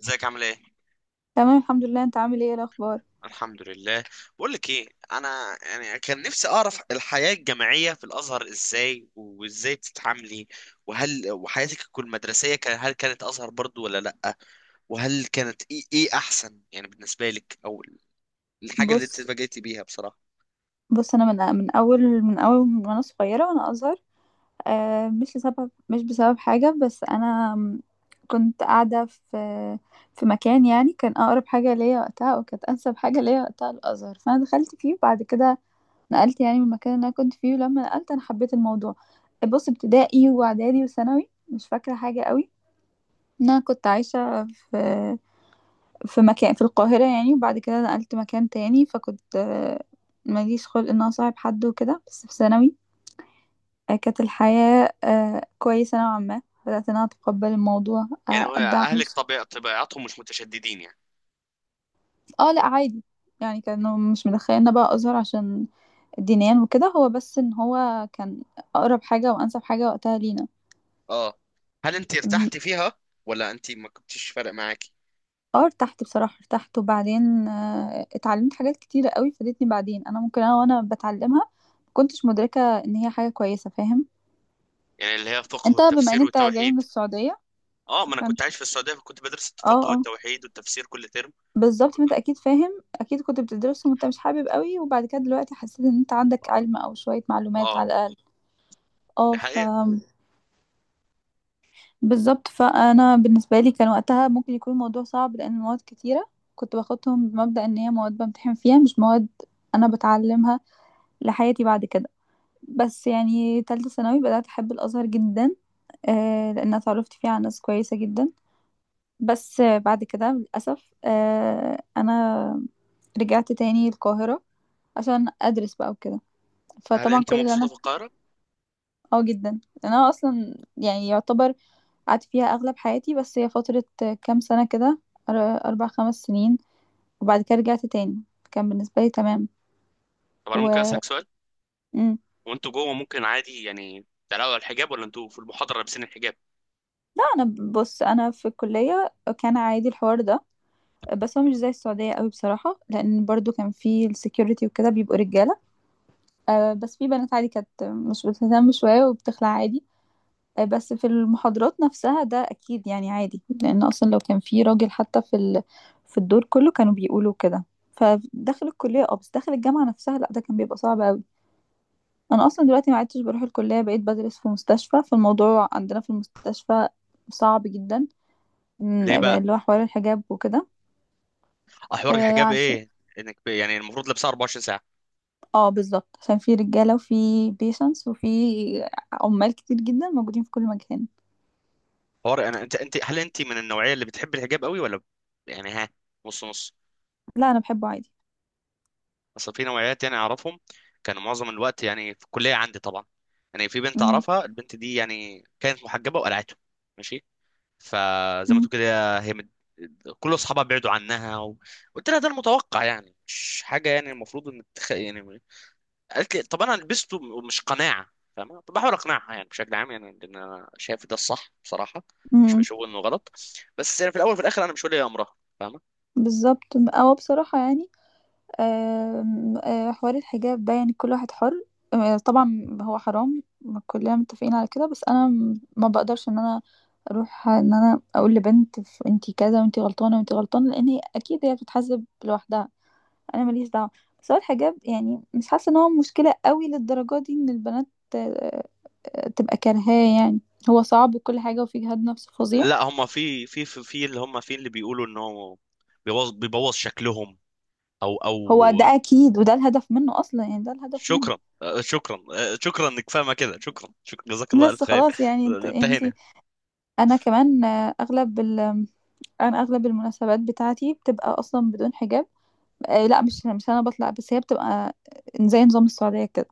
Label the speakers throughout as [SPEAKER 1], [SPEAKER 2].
[SPEAKER 1] ازيك عامل ايه؟
[SPEAKER 2] تمام، الحمد لله. انت عامل ايه، ايه الاخبار؟
[SPEAKER 1] الحمد لله. بقول لك ايه، انا يعني كان نفسي اعرف الحياة الجامعية في الازهر ازاي، وازاي بتتعاملي، وهل وحياتك المدرسية كان هل كانت ازهر برضو ولا لا، وهل كانت ايه احسن يعني بالنسبة لك، او الحاجة اللي انت
[SPEAKER 2] بص،
[SPEAKER 1] اتفاجئتي بيها بصراحة.
[SPEAKER 2] بص، انا من اول وانا صغيره، وانا ازهر. مش بسبب حاجه، بس انا كنت قاعده في مكان، يعني كان اقرب حاجه ليا وقتها، وكانت انسب حاجه ليا وقتها الازهر، فانا دخلت فيه، وبعد كده نقلت، يعني من المكان اللي انا كنت فيه، ولما نقلت انا حبيت الموضوع. بص، ابتدائي واعدادي وثانوي مش فاكره حاجه قوي، إن انا كنت عايشه في مكان في القاهرة يعني، وبعد كده نقلت مكان تاني، فكنت ماليش خلق ان أنا أصاحب حد وكده. بس في ثانوي كانت الحياة كويسة نوعا ما، بدأت ان انا اتقبل الموضوع،
[SPEAKER 1] يعني هو
[SPEAKER 2] ابدأ اعمل.
[SPEAKER 1] اهلك طبيعتهم مش متشددين يعني.
[SPEAKER 2] اه، لا، عادي، يعني كانوا مش مدخليننا بقى ازهر عشان دينيا وكده، هو بس ان هو كان اقرب حاجة وانسب حاجة وقتها لينا.
[SPEAKER 1] اه، هل انت
[SPEAKER 2] أم.
[SPEAKER 1] ارتحتي فيها ولا انت ما كنتش فارق معاكي؟
[SPEAKER 2] اه، ارتحت بصراحة، ارتحت، وبعدين اتعلمت حاجات كتيرة قوي فادتني بعدين، انا ممكن انا وانا بتعلمها مكنتش مدركة ان هي حاجة كويسة. فاهم؟
[SPEAKER 1] يعني اللي هي الفقه
[SPEAKER 2] انت بما ان
[SPEAKER 1] والتفسير
[SPEAKER 2] انت جاي من
[SPEAKER 1] والتوحيد.
[SPEAKER 2] السعودية،
[SPEAKER 1] اه، ما انا
[SPEAKER 2] فانت،
[SPEAKER 1] كنت عايش في السعوديه فكنت بدرس
[SPEAKER 2] اه
[SPEAKER 1] الفقه
[SPEAKER 2] اه،
[SPEAKER 1] والتوحيد والتفسير كل ترم.
[SPEAKER 2] بالظبط، فانت اكيد فاهم، اكيد كنت بتدرسهم وانت مش حابب قوي، وبعد كده دلوقتي حسيت ان انت عندك علم او شوية معلومات على
[SPEAKER 1] اه،
[SPEAKER 2] الاقل. اه،
[SPEAKER 1] دي حقيقة.
[SPEAKER 2] بالظبط، فانا بالنسبة لي كان وقتها ممكن يكون الموضوع صعب لان المواد كتيرة، كنت باخدهم بمبدأ ان هي مواد بمتحن فيها، مش مواد انا بتعلمها لحياتي بعد كده. بس يعني تالتة ثانوي بدأت أحب الأزهر جدا، لأن اتعرفت فيه على ناس كويسة جدا. بس بعد كده للأسف أنا رجعت تاني القاهرة عشان أدرس بقى وكده،
[SPEAKER 1] هل
[SPEAKER 2] فطبعا
[SPEAKER 1] انت
[SPEAKER 2] كل اللي
[SPEAKER 1] مبسوطة
[SPEAKER 2] أنا.
[SPEAKER 1] في القاهرة؟
[SPEAKER 2] اه، جدا، أنا أصلا يعني يعتبر قعدت فيها أغلب حياتي، بس هي فترة كام سنة كده، أر- 4 5 سنين، وبعد كده رجعت تاني، كان بالنسبة لي تمام.
[SPEAKER 1] طب انا ممكن
[SPEAKER 2] و
[SPEAKER 1] اسألك سؤال؟
[SPEAKER 2] مم.
[SPEAKER 1] هو انتوا جوه ممكن عادي يعني تقلعوا الحجاب، ولا انتوا في المحاضرة لابسين الحجاب؟
[SPEAKER 2] لا، أنا، بص، أنا في الكلية كان عادي الحوار ده، بس هو مش زي السعودية قوي بصراحة، لأن برضو كان في السكيورتي وكده بيبقوا رجالة. بس في بنات عادي كانت مش بتهتم شوية وبتخلع عادي. بس في المحاضرات نفسها ده أكيد يعني عادي، لأن أصلا لو كان في راجل حتى في الدور كله كانوا بيقولوا كده. فداخل الكلية اه، بس داخل الجامعة نفسها لأ، ده كان بيبقى صعب أوي. أنا أصلا دلوقتي ما عدتش بروح الكلية، بقيت بدرس في مستشفى، فالموضوع عندنا في المستشفى صعب جدا،
[SPEAKER 1] ليه بقى؟
[SPEAKER 2] اللي هو حوار الحجاب وكده.
[SPEAKER 1] احوار
[SPEAKER 2] آه،
[SPEAKER 1] الحجاب
[SPEAKER 2] عشان.
[SPEAKER 1] ايه؟ انك يعني المفروض لابسها 24 ساعة.
[SPEAKER 2] اه، بالظبط، عشان في رجالة وفي بيشنس وفي عمال كتير جدا موجودين في كل مكان.
[SPEAKER 1] حوار انا انت، هل انت من النوعية اللي بتحب الحجاب قوي، ولا يعني، ها، نص نص؟
[SPEAKER 2] لا، انا بحبه عادي.
[SPEAKER 1] اصل في نوعيات يعني اعرفهم، كانوا معظم الوقت يعني في الكلية عندي طبعا. يعني في بنت
[SPEAKER 2] امم.
[SPEAKER 1] اعرفها، البنت دي يعني كانت محجبة وقلعته. ماشي. فزي ما
[SPEAKER 2] امم.
[SPEAKER 1] تقول كده هي كل اصحابها بعدوا عنها قلت لها ده المتوقع، يعني مش حاجه يعني المفروض ان يعني. قالت لي طب انا لبسته مش قناعه، فاهمه؟ طب بحاول اقنعها يعني بشكل عام، يعني لان انا شايف ده الصح بصراحه، مش
[SPEAKER 2] امم.
[SPEAKER 1] بشوف انه غلط. بس يعني في الاول وفي الاخر انا مش ولي امرها، فاهمه؟
[SPEAKER 2] بالظبط، او بصراحه يعني، آم، آه، حوار الحجاب ده يعني كل واحد حر. طبعا هو حرام، كلنا متفقين على كده، بس انا ما بقدرش ان انا اروح ان انا اقول لبنت انتي كذا، وانتي غلطانه وانتي غلطانه، لان هي اكيد هي بتتحاسب لوحدها، انا ماليش دعوه. بس هو الحجاب يعني مش حاسه ان هو مشكله قوي للدرجه دي، ان البنات آه، تبقى كارهاه يعني، هو صعب وكل حاجه وفيه جهاد نفس فظيع.
[SPEAKER 1] لا هم في اللي هم في اللي بيقولوا انه بيبوظ شكلهم، او.
[SPEAKER 2] هو ده أكيد، وده الهدف منّه أصلًا، يعني ده الهدف منّه.
[SPEAKER 1] شكرا، آه، شكرا، آه، شكرا انك فاهمه كده، شكرا، شكرا، جزاك الله الف
[SPEAKER 2] بس
[SPEAKER 1] خير.
[SPEAKER 2] خلاص يعني، أنتِ أنتِ،
[SPEAKER 1] انتهينا.
[SPEAKER 2] أنا كمان، أغلب ال أنا أغلب المناسبات بتاعتي بتبقى أصلًا بدون حجاب. لأ، مش أنا باطلع، بس هي بتبقى زي نظام السعودية كده،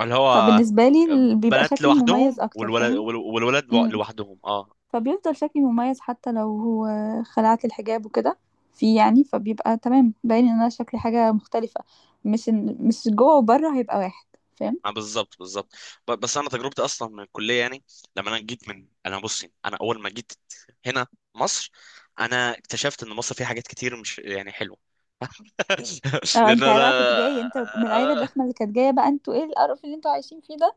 [SPEAKER 1] اللي هو
[SPEAKER 2] فبالنسبة لي بيبقى
[SPEAKER 1] بنات
[SPEAKER 2] شكلي مميّز
[SPEAKER 1] لوحدهم
[SPEAKER 2] أكتر. فاهم؟
[SPEAKER 1] والولاد
[SPEAKER 2] إمم.
[SPEAKER 1] لوحدهم. اه،
[SPEAKER 2] فبيفضل شكلي مميّز، حتى لو هو خلعت الحجاب وكده، فيه يعني، فبيبقى تمام باين إن أنا شكلي حاجة مختلفة، مش إن مش جوّه وبرّه هيبقى واحد. فاهم؟
[SPEAKER 1] آه، بالظبط بالظبط. بس انا تجربتي اصلا من الكليه يعني، لما انا جيت من، انا بصي، انا اول ما جيت هنا مصر، انا اكتشفت ان مصر فيها حاجات كتير مش يعني حلوه.
[SPEAKER 2] اه،
[SPEAKER 1] لان
[SPEAKER 2] انت بقى كنت
[SPEAKER 1] انا،
[SPEAKER 2] جاي انت من العيله
[SPEAKER 1] آه،
[SPEAKER 2] الرخمه اللي كانت جايه، بقى انتوا ايه القرف اللي انتوا عايشين فيه ده؟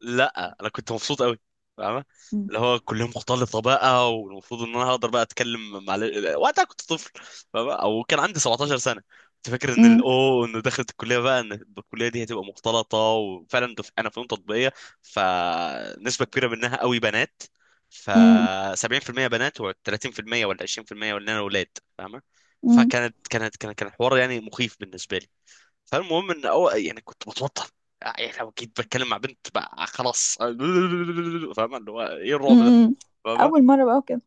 [SPEAKER 1] لا انا كنت مبسوط قوي، فاهمة؟
[SPEAKER 2] مم.
[SPEAKER 1] اللي هو كلهم مختلطة بقى، والمفروض ان انا هقدر بقى اتكلم مع وقتها كنت طفل، فاهمة؟ او كان عندي 17 سنة، كنت فاكر ان
[SPEAKER 2] مم.
[SPEAKER 1] الاو ان دخلت الكلية بقى، ان الكلية دي هتبقى مختلطة، وفعلا انا فنون تطبيقية، فنسبة كبيرة منها قوي بنات، ف
[SPEAKER 2] مم.
[SPEAKER 1] 70% بنات و30% ولا 20% ولا، انا، اولاد، فاهمة؟
[SPEAKER 2] مم.
[SPEAKER 1] فكانت كان حوار يعني مخيف بالنسبة لي. فالمهم ان، أو يعني، كنت بتوتر، يعني لو جيت بتكلم مع بنت بقى خلاص. فاهم اللي هو ايه الرعب ده.
[SPEAKER 2] مم. اول مره بقى كده.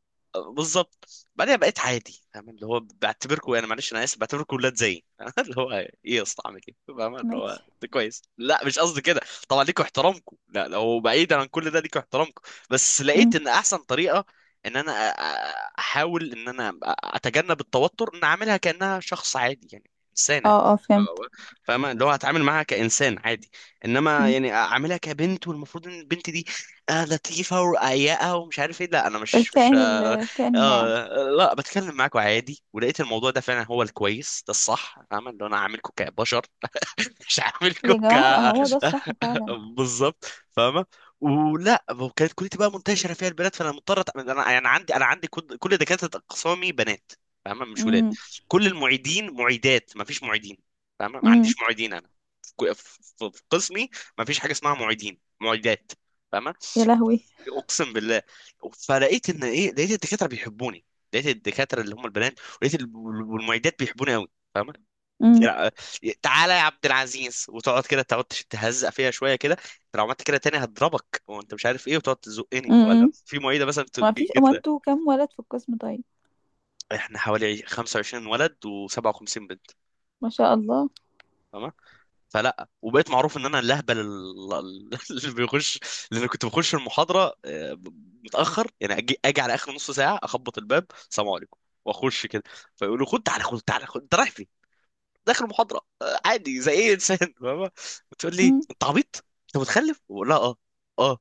[SPEAKER 1] بالظبط. بعدين بقيت عادي، فاهم؟ اللي هو بعتبركم، يعني معلش انا اسف، بعتبركم ولاد زيي. اللي هو ايه يا اسطى، اعمل ايه؟ فاهم اللي هو
[SPEAKER 2] ماشي.
[SPEAKER 1] ده كويس. لا مش قصدي كده، طبعا ليكوا احترامكم، لا لو بعيدا عن كل ده ليكوا احترامكم، بس
[SPEAKER 2] مم.
[SPEAKER 1] لقيت ان احسن طريقه ان انا احاول ان انا اتجنب التوتر، ان اعملها كانها شخص عادي يعني انسانه،
[SPEAKER 2] اه اه، فهمت.
[SPEAKER 1] فاهمة؟ اللي هو هتعامل معاها كإنسان عادي، إنما
[SPEAKER 2] مم.
[SPEAKER 1] يعني أعاملها كبنت والمفروض إن البنت دي آه لطيفة ورقيقة ومش عارف إيه، لا أنا مش،
[SPEAKER 2] الكائن،
[SPEAKER 1] آه،
[SPEAKER 2] الكائن الناعم.
[SPEAKER 1] لا بتكلم معاكم عادي. ولقيت الموضوع ده فعلا هو الكويس، ده الصح، فاهم اللي انا عاملكم كبشر، مش عاملكم
[SPEAKER 2] يا
[SPEAKER 1] ك.
[SPEAKER 2] جماعه، بقى هو ده الصح فعلا.
[SPEAKER 1] بالظبط، فاهمه؟ ولا وكانت كليتي بقى منتشره فيها البنات، فانا مضطر انا يعني عندي، انا عندي كل دكاتره اقسامي بنات، فاهمه؟ مش ولاد.
[SPEAKER 2] مم.
[SPEAKER 1] كل المعيدين معيدات، ما فيش معيدين، فاهمه؟ ما
[SPEAKER 2] مم.
[SPEAKER 1] عنديش معيدين انا في في قسمي، ما فيش حاجه اسمها معيدين معيدات، فاهمه؟
[SPEAKER 2] يا لهوي.
[SPEAKER 1] اقسم بالله. فلقيت ان ايه، لقيت الدكاتره بيحبوني، لقيت الدكاتره اللي هم البنات، ولقيت والمعيدات بيحبوني قوي، فاهمه؟
[SPEAKER 2] مم.
[SPEAKER 1] يعني، آه، تعالى يا عبد العزيز، وتقعد كده، تقعد تهزق فيها شويه كده، لو عملت كده تاني هضربك، وانت مش عارف ايه، وتقعد تزقني. ولا
[SPEAKER 2] مم.
[SPEAKER 1] في معيده مثلا
[SPEAKER 2] ما فيش. هو
[SPEAKER 1] جت لها.
[SPEAKER 2] انتوا كام ولد في القسم طيب؟
[SPEAKER 1] احنا حوالي 25 ولد و57 بنت.
[SPEAKER 2] ما شاء الله.
[SPEAKER 1] فلا، وبقيت معروف ان انا الاهبل اللي بيخش، لان كنت بخش المحاضره، آه، متاخر، يعني اجي على اخر نص ساعه، اخبط الباب، السلام عليكم، واخش كده. فيقولوا خد تعالى، خد تعالى، خد، انت رايح فين؟ داخل المحاضره، آه، عادي زي اي انسان. فاهمة؟ بتقول لي
[SPEAKER 2] مم.
[SPEAKER 1] انت عبيط؟ انت متخلف؟ ولا، اه. اه.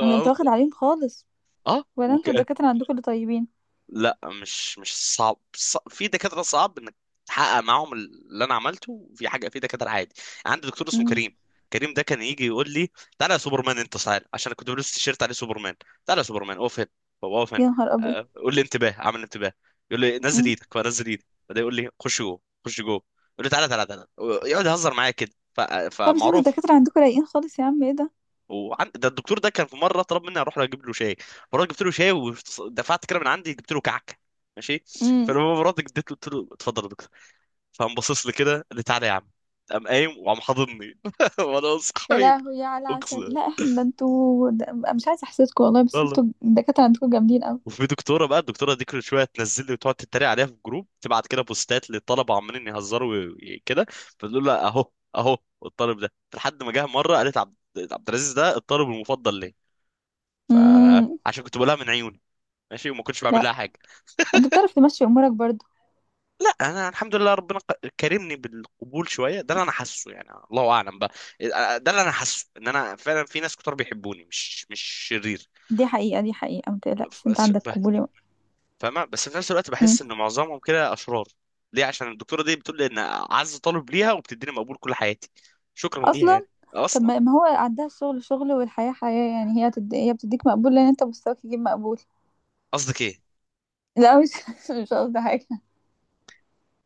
[SPEAKER 2] ده انت واخد عليهم خالص،
[SPEAKER 1] اه،
[SPEAKER 2] ولا انتوا الدكاتره عندكم اللي طيبين؟
[SPEAKER 1] لا مش صعب، في دكاترة صعب انك تحقق معاهم اللي انا عملته، في حاجة. في دكاترة عادي، يعني عندي دكتور اسمه
[SPEAKER 2] مم.
[SPEAKER 1] كريم، كريم ده كان يجي يقول لي تعالى يا سوبرمان، انت تعالى، عشان أنا كنت بلبس تيشيرت عليه سوبرمان. تعالى يا سوبرمان، اقف هنا، بابا اقف هنا،
[SPEAKER 2] يا نهار ابيض.
[SPEAKER 1] آه، قول لي انتباه، اعمل انتباه. يقول لي نزل
[SPEAKER 2] مم.
[SPEAKER 1] ايدك فانزل ايدي، بعدين يقول لي خش جوه، خش جوه، يقول لي تعالى تعالى تعالى، يقعد يهزر معايا كده،
[SPEAKER 2] طب بس انتوا
[SPEAKER 1] فمعروف.
[SPEAKER 2] الدكاتره عندكم رايقين خالص، يا عم ايه ده؟
[SPEAKER 1] ده الدكتور ده كان في مره طلب مني اروح اجيب له شاي، مرات جبت له شاي ودفعت كده من عندي، جبت له كعكه، ماشي.
[SPEAKER 2] امم.
[SPEAKER 1] فلما مرات اديت له قلت له اتفضل يا دكتور، فقام باصص لي كده، قال لي تعالى يا عم، قام قايم وقام حاضني. وانا بص
[SPEAKER 2] يا
[SPEAKER 1] حبيبي،
[SPEAKER 2] لهوي، يا على العسل،
[SPEAKER 1] اقسم
[SPEAKER 2] لا احنا ده انتوا ده، مش عايزه احسدكم والله، بس
[SPEAKER 1] والله.
[SPEAKER 2] انتوا الدكاتره عندكم جامدين قوي.
[SPEAKER 1] وفي دكتوره بقى، الدكتوره دي كل شويه تنزل لي وتقعد تتريق عليها في الجروب، تبعت كده بوستات للطلبه، عمالين يهزروا كده، فتقول لها اهو اهو، الطالب ده، لحد ما جه مره قالت عبد، عبد العزيز ده الطالب المفضل ليه،
[SPEAKER 2] امم.
[SPEAKER 1] فعشان كنت بقولها من عيوني، ماشي، وما كنتش بعمل
[SPEAKER 2] لا،
[SPEAKER 1] لها حاجه.
[SPEAKER 2] انت بتعرف تمشي امورك برضو.
[SPEAKER 1] لا انا الحمد لله ربنا كرمني بالقبول شويه، ده اللي انا حاسه، يعني الله اعلم بقى، ده اللي انا حاسه، ان انا فعلا في ناس كتار بيحبوني، مش مش شرير.
[SPEAKER 2] دي حقيقه، دي حقيقه، ما تقلقش انت
[SPEAKER 1] بس-
[SPEAKER 2] عندك
[SPEAKER 1] ب-
[SPEAKER 2] قبول يا مرة.
[SPEAKER 1] فاهمه؟ بس في نفس الوقت
[SPEAKER 2] مم.
[SPEAKER 1] بحس ان معظمهم كده اشرار. ليه؟ عشان الدكتوره دي بتقول لي ان اعز طالب ليها، وبتديني مقبول كل حياتي، شكرا ليها
[SPEAKER 2] اصلا.
[SPEAKER 1] يعني.
[SPEAKER 2] طب،
[SPEAKER 1] اصلا.
[SPEAKER 2] ما هو عندها الشغل شغل والحياه حياه، يعني هي بتديك مقبول لان انت مستواك يجيب مقبول.
[SPEAKER 1] قصدك ايه؟
[SPEAKER 2] لا، مش مش قصدي حاجه.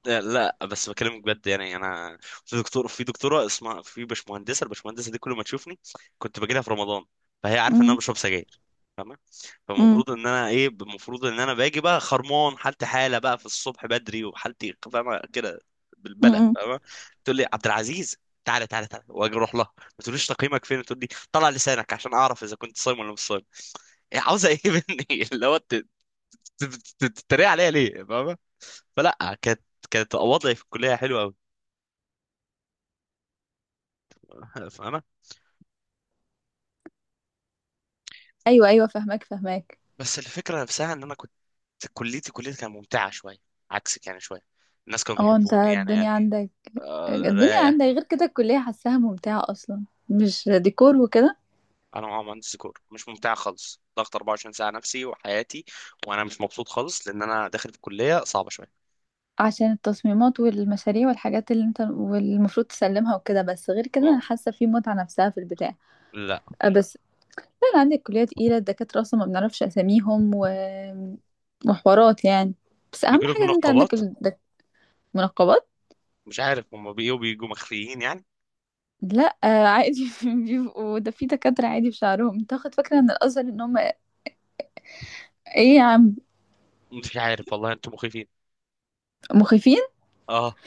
[SPEAKER 1] لا بس بكلمك بجد، يعني انا في دكتور، في دكتوره اسمها، في باشمهندسه، الباشمهندسه دي كل ما تشوفني، كنت باجي لها في رمضان، فهي عارفه ان انا
[SPEAKER 2] امم.
[SPEAKER 1] بشرب سجاير، فاهمه؟
[SPEAKER 2] امم.
[SPEAKER 1] فالمفروض ان انا ايه، المفروض ان انا باجي بقى خرمان، حالتي حاله بقى، في الصبح بدري، وحالتي فاهمه كده، بالبلى،
[SPEAKER 2] امم.
[SPEAKER 1] فاهمه؟ تقول لي عبد العزيز، تعالى تعالى تعالى، واجي اروح لها، ما تقوليش تقييمك فين، تقول لي طلع لسانك عشان اعرف اذا كنت صايم ولا مش صايم. إيه عاوزه ايه مني؟ اللي هو ت- تتريق عليا ليه، فاهمه؟ فلا كانت، كانت وضعي في الكليه حلو قوي، فاهمه؟
[SPEAKER 2] ايوه ايوه، فهماك فهماك.
[SPEAKER 1] بس الفكره نفسها، ان انا كنت، كليتي كانت ممتعه شويه، عكسك يعني شويه، الناس كانوا
[SPEAKER 2] اه، انت
[SPEAKER 1] بيحبوني
[SPEAKER 2] الدنيا
[SPEAKER 1] يعني،
[SPEAKER 2] عندك.
[SPEAKER 1] آه،
[SPEAKER 2] الدنيا
[SPEAKER 1] رايقه.
[SPEAKER 2] عندك، غير كده الكليه حاساها ممتعه اصلا، مش ديكور وكده؟
[SPEAKER 1] انا معايا مهندس ديكور، مش ممتعه خالص، ضغط 24 ساعه نفسي وحياتي، وانا مش مبسوط خالص، لان انا داخل في كليه صعبه شويه.
[SPEAKER 2] عشان التصميمات والمشاريع والحاجات اللي انت والمفروض تسلمها وكده، بس غير كده انا
[SPEAKER 1] آه،
[SPEAKER 2] حاسه في متعه نفسها في البتاع.
[SPEAKER 1] لا
[SPEAKER 2] أه، بس انا عندي الكليه تقيله، الدكاتره اصلا ما بنعرفش اساميهم و... وحوارات يعني، بس اهم
[SPEAKER 1] بيجي لك
[SPEAKER 2] حاجه ان انت عندك
[SPEAKER 1] منقبات.
[SPEAKER 2] منقبات.
[SPEAKER 1] مش عارف هم بيجوا مخفيين يعني.
[SPEAKER 2] لا، عادي بيبقوا، ده في دكاتره عادي بشعرهم، انت واخد فكره ان الازهر ان هم، ايه يا عم؟
[SPEAKER 1] مش عارف والله، انتم مخيفين.
[SPEAKER 2] مخيفين.
[SPEAKER 1] اه.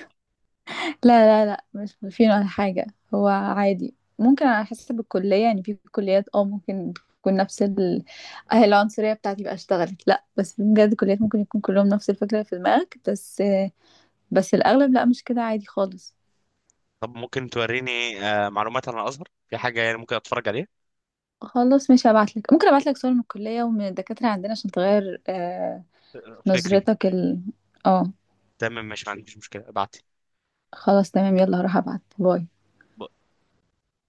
[SPEAKER 2] لا لا لا، مش مفيد ولا حاجة. هو عادي، ممكن على حسب الكلية، يعني في كليات اه ممكن تكون نفس ال... آه، العنصرية بتاعتي بقى اشتغلت. لا، بس في بجد كليات ممكن يكون كلهم نفس الفكرة في دماغك، بس الأغلب لا، مش كده، عادي خالص.
[SPEAKER 1] طب ممكن توريني آه معلومات عن الازهر، في حاجه يعني ممكن اتفرج عليها؟
[SPEAKER 2] خلاص، مش هبعتلك، ممكن أبعتلك صور من الكلية ومن الدكاترة عندنا عشان تغير
[SPEAKER 1] آه، فكري.
[SPEAKER 2] نظرتك اه،
[SPEAKER 1] تمام ماشي، ما عنديش مشكلة، ابعتي.
[SPEAKER 2] خلاص تمام، يلا هروح أبعت، باي.